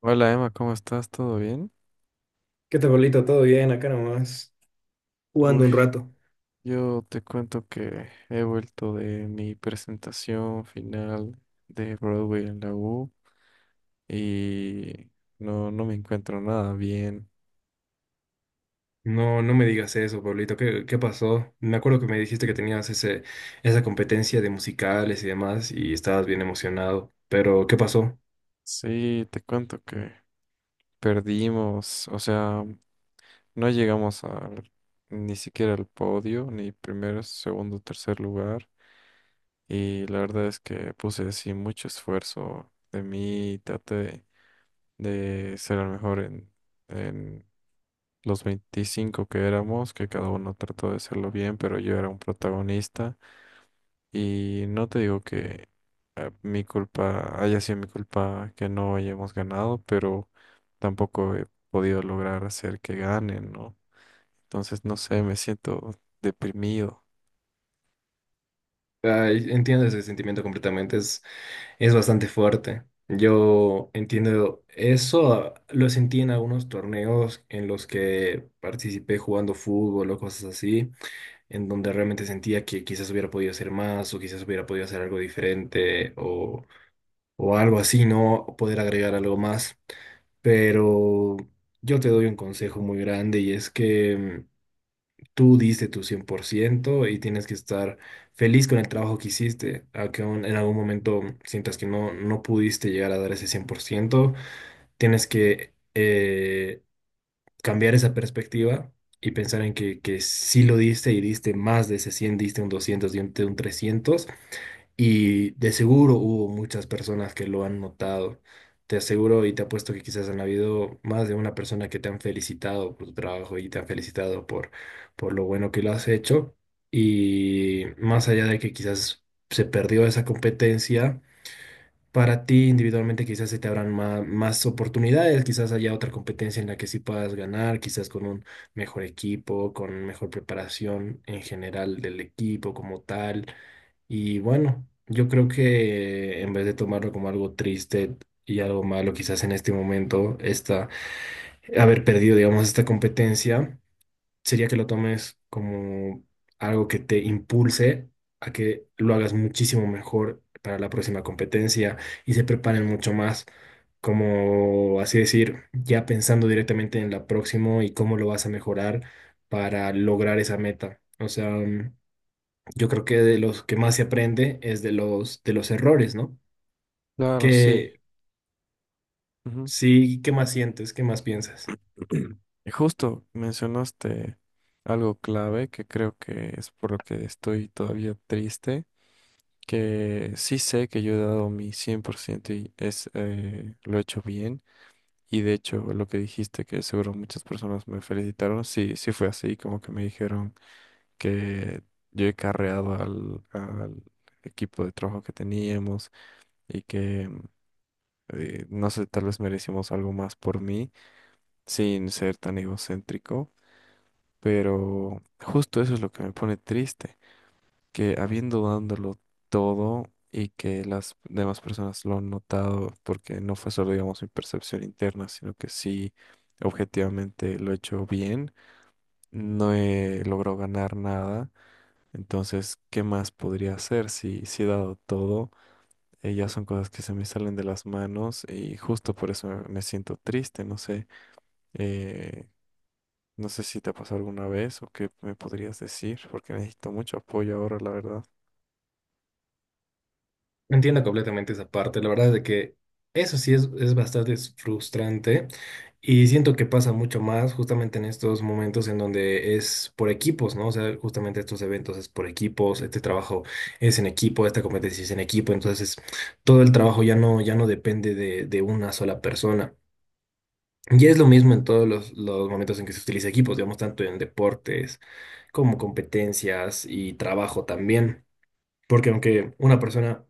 Hola Emma, ¿cómo estás? ¿Todo bien? ¿Qué tal, Pablito? ¿Todo bien? Acá nomás, jugando Uy, un rato. yo te cuento que he vuelto de mi presentación final de Broadway en la U y no, no me encuentro nada bien. No, no me digas eso, Pablito. ¿Qué pasó? Me acuerdo que me dijiste que tenías esa competencia de musicales y demás y estabas bien emocionado. Pero, ¿qué pasó? Sí, te cuento que perdimos, o sea, no llegamos al, ni siquiera al podio, ni primer, segundo, tercer lugar. Y la verdad es que puse así mucho esfuerzo de mí, traté de ser el mejor en en los 25 que éramos, que cada uno trató de hacerlo bien, pero yo era un protagonista y no te digo que mi culpa haya sido mi culpa que no hayamos ganado, pero tampoco he podido lograr hacer que ganen, ¿no? Entonces, no sé, me siento deprimido. Ay, entiendo ese sentimiento completamente. Es bastante fuerte. Yo entiendo eso. Ah, lo sentí en algunos torneos en los que participé jugando fútbol o cosas así, en donde realmente sentía que quizás hubiera podido hacer más o quizás hubiera podido hacer algo diferente o algo así, ¿no? Poder agregar algo más. Pero yo te doy un consejo muy grande y es que tú diste tu 100% y tienes que estar feliz con el trabajo que hiciste, aunque aún en algún momento sientas que no, no pudiste llegar a dar ese 100% tienes que cambiar esa perspectiva. Y pensar en que sí lo diste y diste más de ese 100 diste un 200 diste un 300 y de seguro hubo muchas personas que lo han notado. Te aseguro y te apuesto que quizás han habido más de una persona que te han felicitado por tu trabajo y te han felicitado por lo bueno que lo has hecho. Y más allá de que quizás se perdió esa competencia, para ti individualmente quizás se te abran más, oportunidades, quizás haya otra competencia en la que sí puedas ganar, quizás con un mejor equipo, con mejor preparación en general del equipo como tal. Y bueno, yo creo que en vez de tomarlo como algo triste y algo malo, quizás en este momento, haber perdido, digamos, esta competencia, sería que lo tomes como algo que te impulse a que lo hagas muchísimo mejor para la próxima competencia y se preparen mucho más, como así decir, ya pensando directamente en la próxima y cómo lo vas a mejorar para lograr esa meta. O sea, yo creo que de los que más se aprende es de los errores, ¿no? Claro, sí. Que Ujú. sí, ¿qué más sientes? ¿Qué más piensas? Y justo mencionaste algo clave que creo que es por lo que estoy todavía triste, que sí sé que yo he dado mi 100% y es, lo he hecho bien. Y de hecho, lo que dijiste, que seguro muchas personas me felicitaron, sí, sí fue así, como que me dijeron que yo he carreado al equipo de trabajo que teníamos y que, no sé, tal vez merecimos algo más por mí, sin ser tan egocéntrico, pero justo eso es lo que me pone triste, que habiendo dándolo todo y que las demás personas lo han notado, porque no fue solo, digamos, mi percepción interna, sino que sí, objetivamente lo he hecho bien, no he logrado ganar nada. Entonces, ¿qué más podría hacer si, si he dado todo? Ya son cosas que se me salen de las manos y justo por eso me siento triste, no sé. eh, no sé si te ha pasado alguna vez o qué me podrías decir, porque necesito mucho apoyo ahora, la verdad. Entiendo completamente esa parte. La verdad de que eso sí es bastante frustrante y siento que pasa mucho más justamente en estos momentos en donde es por equipos, ¿no? O sea, justamente estos eventos es por equipos, este trabajo es en equipo, esta competencia es en equipo, entonces todo el trabajo ya no depende de una sola persona. Y es lo mismo en todos los momentos en que se utiliza equipos, digamos, tanto en deportes como competencias y trabajo también. Porque aunque una persona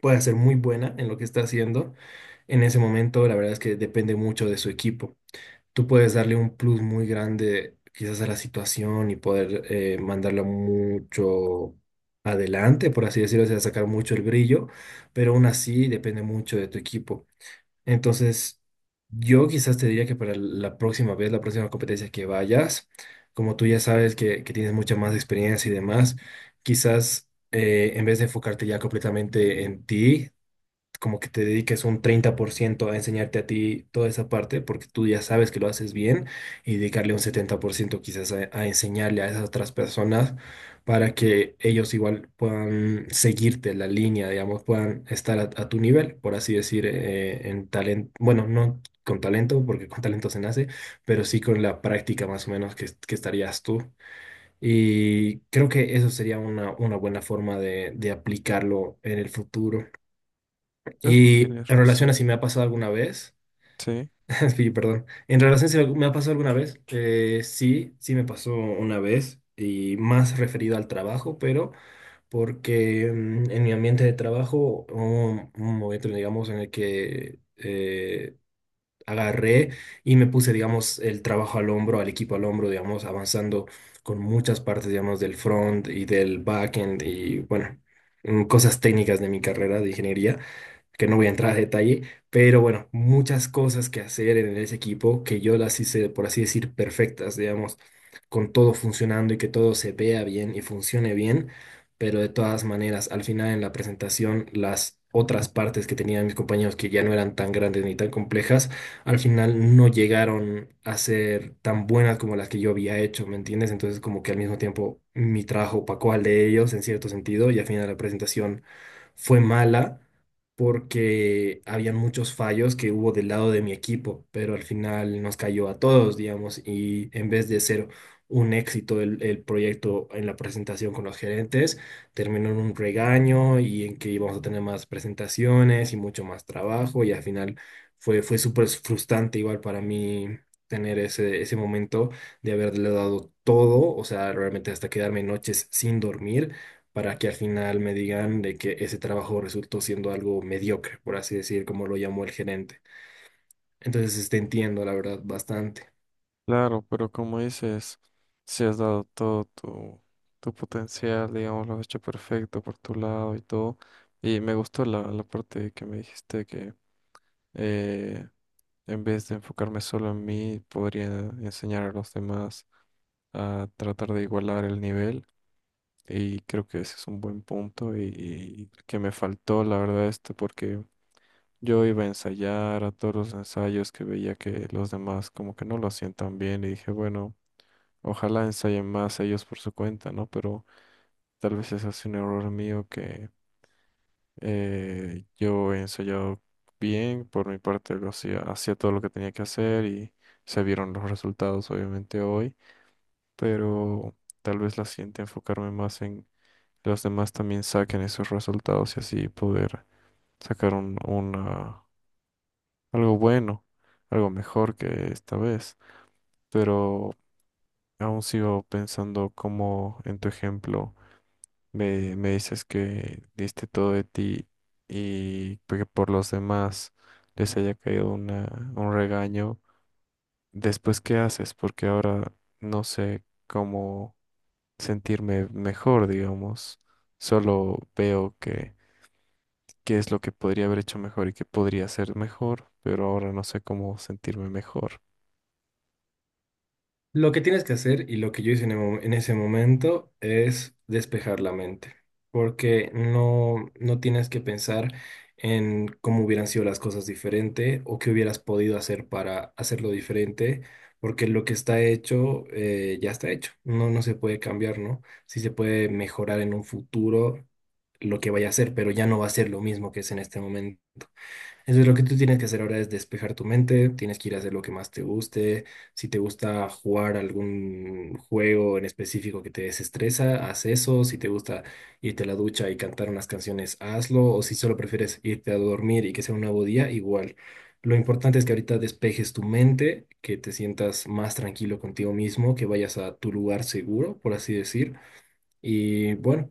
pueda ser muy buena en lo que está haciendo, en ese momento la verdad es que depende mucho de su equipo. Tú puedes darle un plus muy grande quizás a la situación y poder mandarla mucho adelante, por así decirlo, o sea, sacar mucho el brillo, pero aún así depende mucho de tu equipo. Entonces, yo quizás te diría que para la próxima vez, la próxima competencia que vayas, como tú ya sabes que tienes mucha más experiencia y demás, quizás en vez de enfocarte ya completamente en ti, como que te dediques un 30% a enseñarte a ti toda esa parte, porque tú ya sabes que lo haces bien, y dedicarle un 70% quizás a enseñarle a esas otras personas para que ellos igual puedan seguirte la línea, digamos, puedan estar a tu nivel, por así decir, en talento, bueno, no con talento, porque con talento se nace, pero sí con la práctica más o menos que estarías tú. Y creo que eso sería una buena forma de aplicarlo en el futuro. Creo que Y tienes en relación a si razón. me ha pasado alguna vez, Sí, es que yo, perdón, en relación a si me ha pasado alguna vez, sí, sí me pasó una vez y más referido al trabajo, pero porque en mi ambiente de trabajo hubo un momento, digamos, en el que agarré y me puse, digamos, el trabajo al hombro, al equipo al hombro, digamos, avanzando con muchas partes, digamos, del front y del backend y, bueno, cosas técnicas de mi carrera de ingeniería que no voy a entrar a detalle, pero bueno, muchas cosas que hacer en ese equipo que yo las hice, por así decir, perfectas, digamos, con todo funcionando y que todo se vea bien y funcione bien, pero de todas maneras, al final en la presentación, las otras partes que tenían mis compañeros que ya no eran tan grandes ni tan complejas, al final no llegaron a ser tan buenas como las que yo había hecho, ¿me entiendes? Entonces como que al mismo tiempo mi trabajo opacó al de ellos en cierto sentido y al final la presentación fue mala porque habían muchos fallos que hubo del lado de mi equipo, pero al final nos cayó a todos, digamos, y en vez de ser un éxito el proyecto en la presentación con los gerentes, terminó en un regaño y en que íbamos a tener más presentaciones y mucho más trabajo y al final fue súper frustrante igual para mí, tener ese momento de haberle dado todo, o sea, realmente hasta quedarme noches sin dormir para que al final me digan de que ese trabajo resultó siendo algo mediocre, por así decir, como lo llamó el gerente. Entonces, este, entiendo, la verdad, bastante. claro, pero como dices, si has dado todo tu potencial, digamos, lo has hecho perfecto por tu lado y todo. Y me gustó la parte que me dijiste que eh, en vez de enfocarme solo en mí, podría enseñar a los demás a tratar de igualar el nivel. Y creo que ese es un buen punto y que me faltó, la verdad, esto, porque yo iba a ensayar a todos los ensayos que veía que los demás como que no lo hacían tan bien y dije, bueno. Ojalá ensayen más ellos por su cuenta, ¿no? Pero tal vez ese es un error mío que yo he ensayado bien, por mi parte lo hacía, hacía todo lo que tenía que hacer y se vieron los resultados obviamente hoy, pero tal vez la siguiente enfocarme más en que los demás también saquen esos resultados y así poder sacar un, una, algo bueno, algo mejor que esta vez. Pero aún sigo pensando como en tu ejemplo. Me dices que diste todo de ti y que por los demás les haya caído una, un regaño. Después, ¿qué haces? Porque ahora no sé cómo sentirme mejor, digamos. Solo veo que qué es lo que podría haber hecho mejor y qué podría hacer mejor, pero ahora no sé cómo sentirme mejor. Lo que tienes que hacer y lo que yo hice en ese momento es despejar la mente, porque no, no tienes que pensar en cómo hubieran sido las cosas diferente o qué hubieras podido hacer para hacerlo diferente, porque lo que está hecho ya está hecho, no, no se puede cambiar, ¿no? Sí se puede mejorar en un futuro lo que vaya a ser, pero ya no va a ser lo mismo que es en este momento. Entonces lo que tú tienes que hacer ahora es despejar tu mente, tienes que ir a hacer lo que más te guste, si te gusta jugar algún juego en específico que te desestresa, haz eso, si te gusta irte a la ducha y cantar unas canciones, hazlo, o si solo prefieres irte a dormir y que sea un nuevo día, igual. Lo importante es que ahorita despejes tu mente, que te sientas más tranquilo contigo mismo, que vayas a tu lugar seguro, por así decir. Y bueno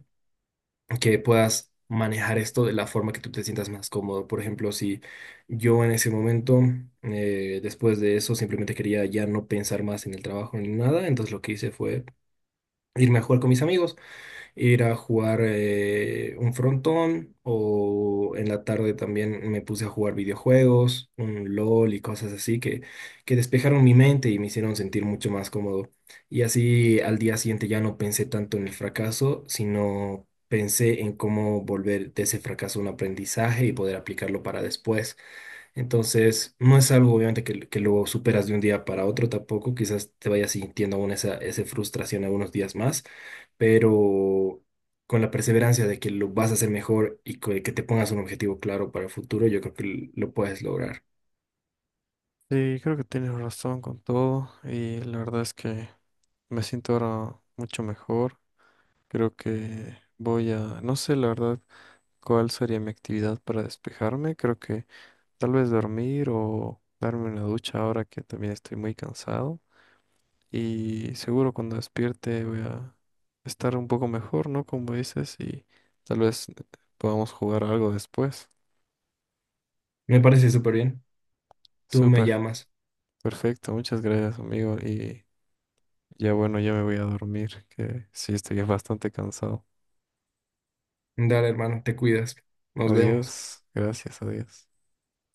que puedas manejar esto de la forma que tú te sientas más cómodo. Por ejemplo, si yo en ese momento, después de eso, simplemente quería ya no pensar más en el trabajo ni nada, entonces lo que hice fue irme a jugar con mis amigos ir a jugar un frontón o en la tarde también me puse a jugar videojuegos, un LOL y cosas así que despejaron mi mente y me hicieron sentir mucho más cómodo. Y así al día siguiente ya no pensé tanto en el fracaso, sino pensé en cómo volver de ese fracaso un aprendizaje y poder aplicarlo para después. Entonces, no es algo obviamente que lo superas de un día para otro tampoco, quizás te vayas sintiendo aún esa frustración algunos días más, pero con la perseverancia de que lo vas a hacer mejor y que te pongas un objetivo claro para el futuro, yo creo que lo puedes lograr. Sí, creo que tienes razón con todo y la verdad es que me siento ahora mucho mejor. Creo que voy a, no sé la verdad cuál sería mi actividad para despejarme. Creo que tal vez dormir o darme una ducha ahora que también estoy muy cansado. Y seguro cuando despierte voy a estar un poco mejor, ¿no? Como dices, y tal vez podamos jugar algo después. Me parece súper bien. Tú me Súper, llamas. perfecto. Muchas gracias, amigo. Y ya bueno, ya me voy a dormir, que sí estoy bastante cansado. Dale, hermano, te cuidas. Nos vemos. Adiós. Gracias, adiós.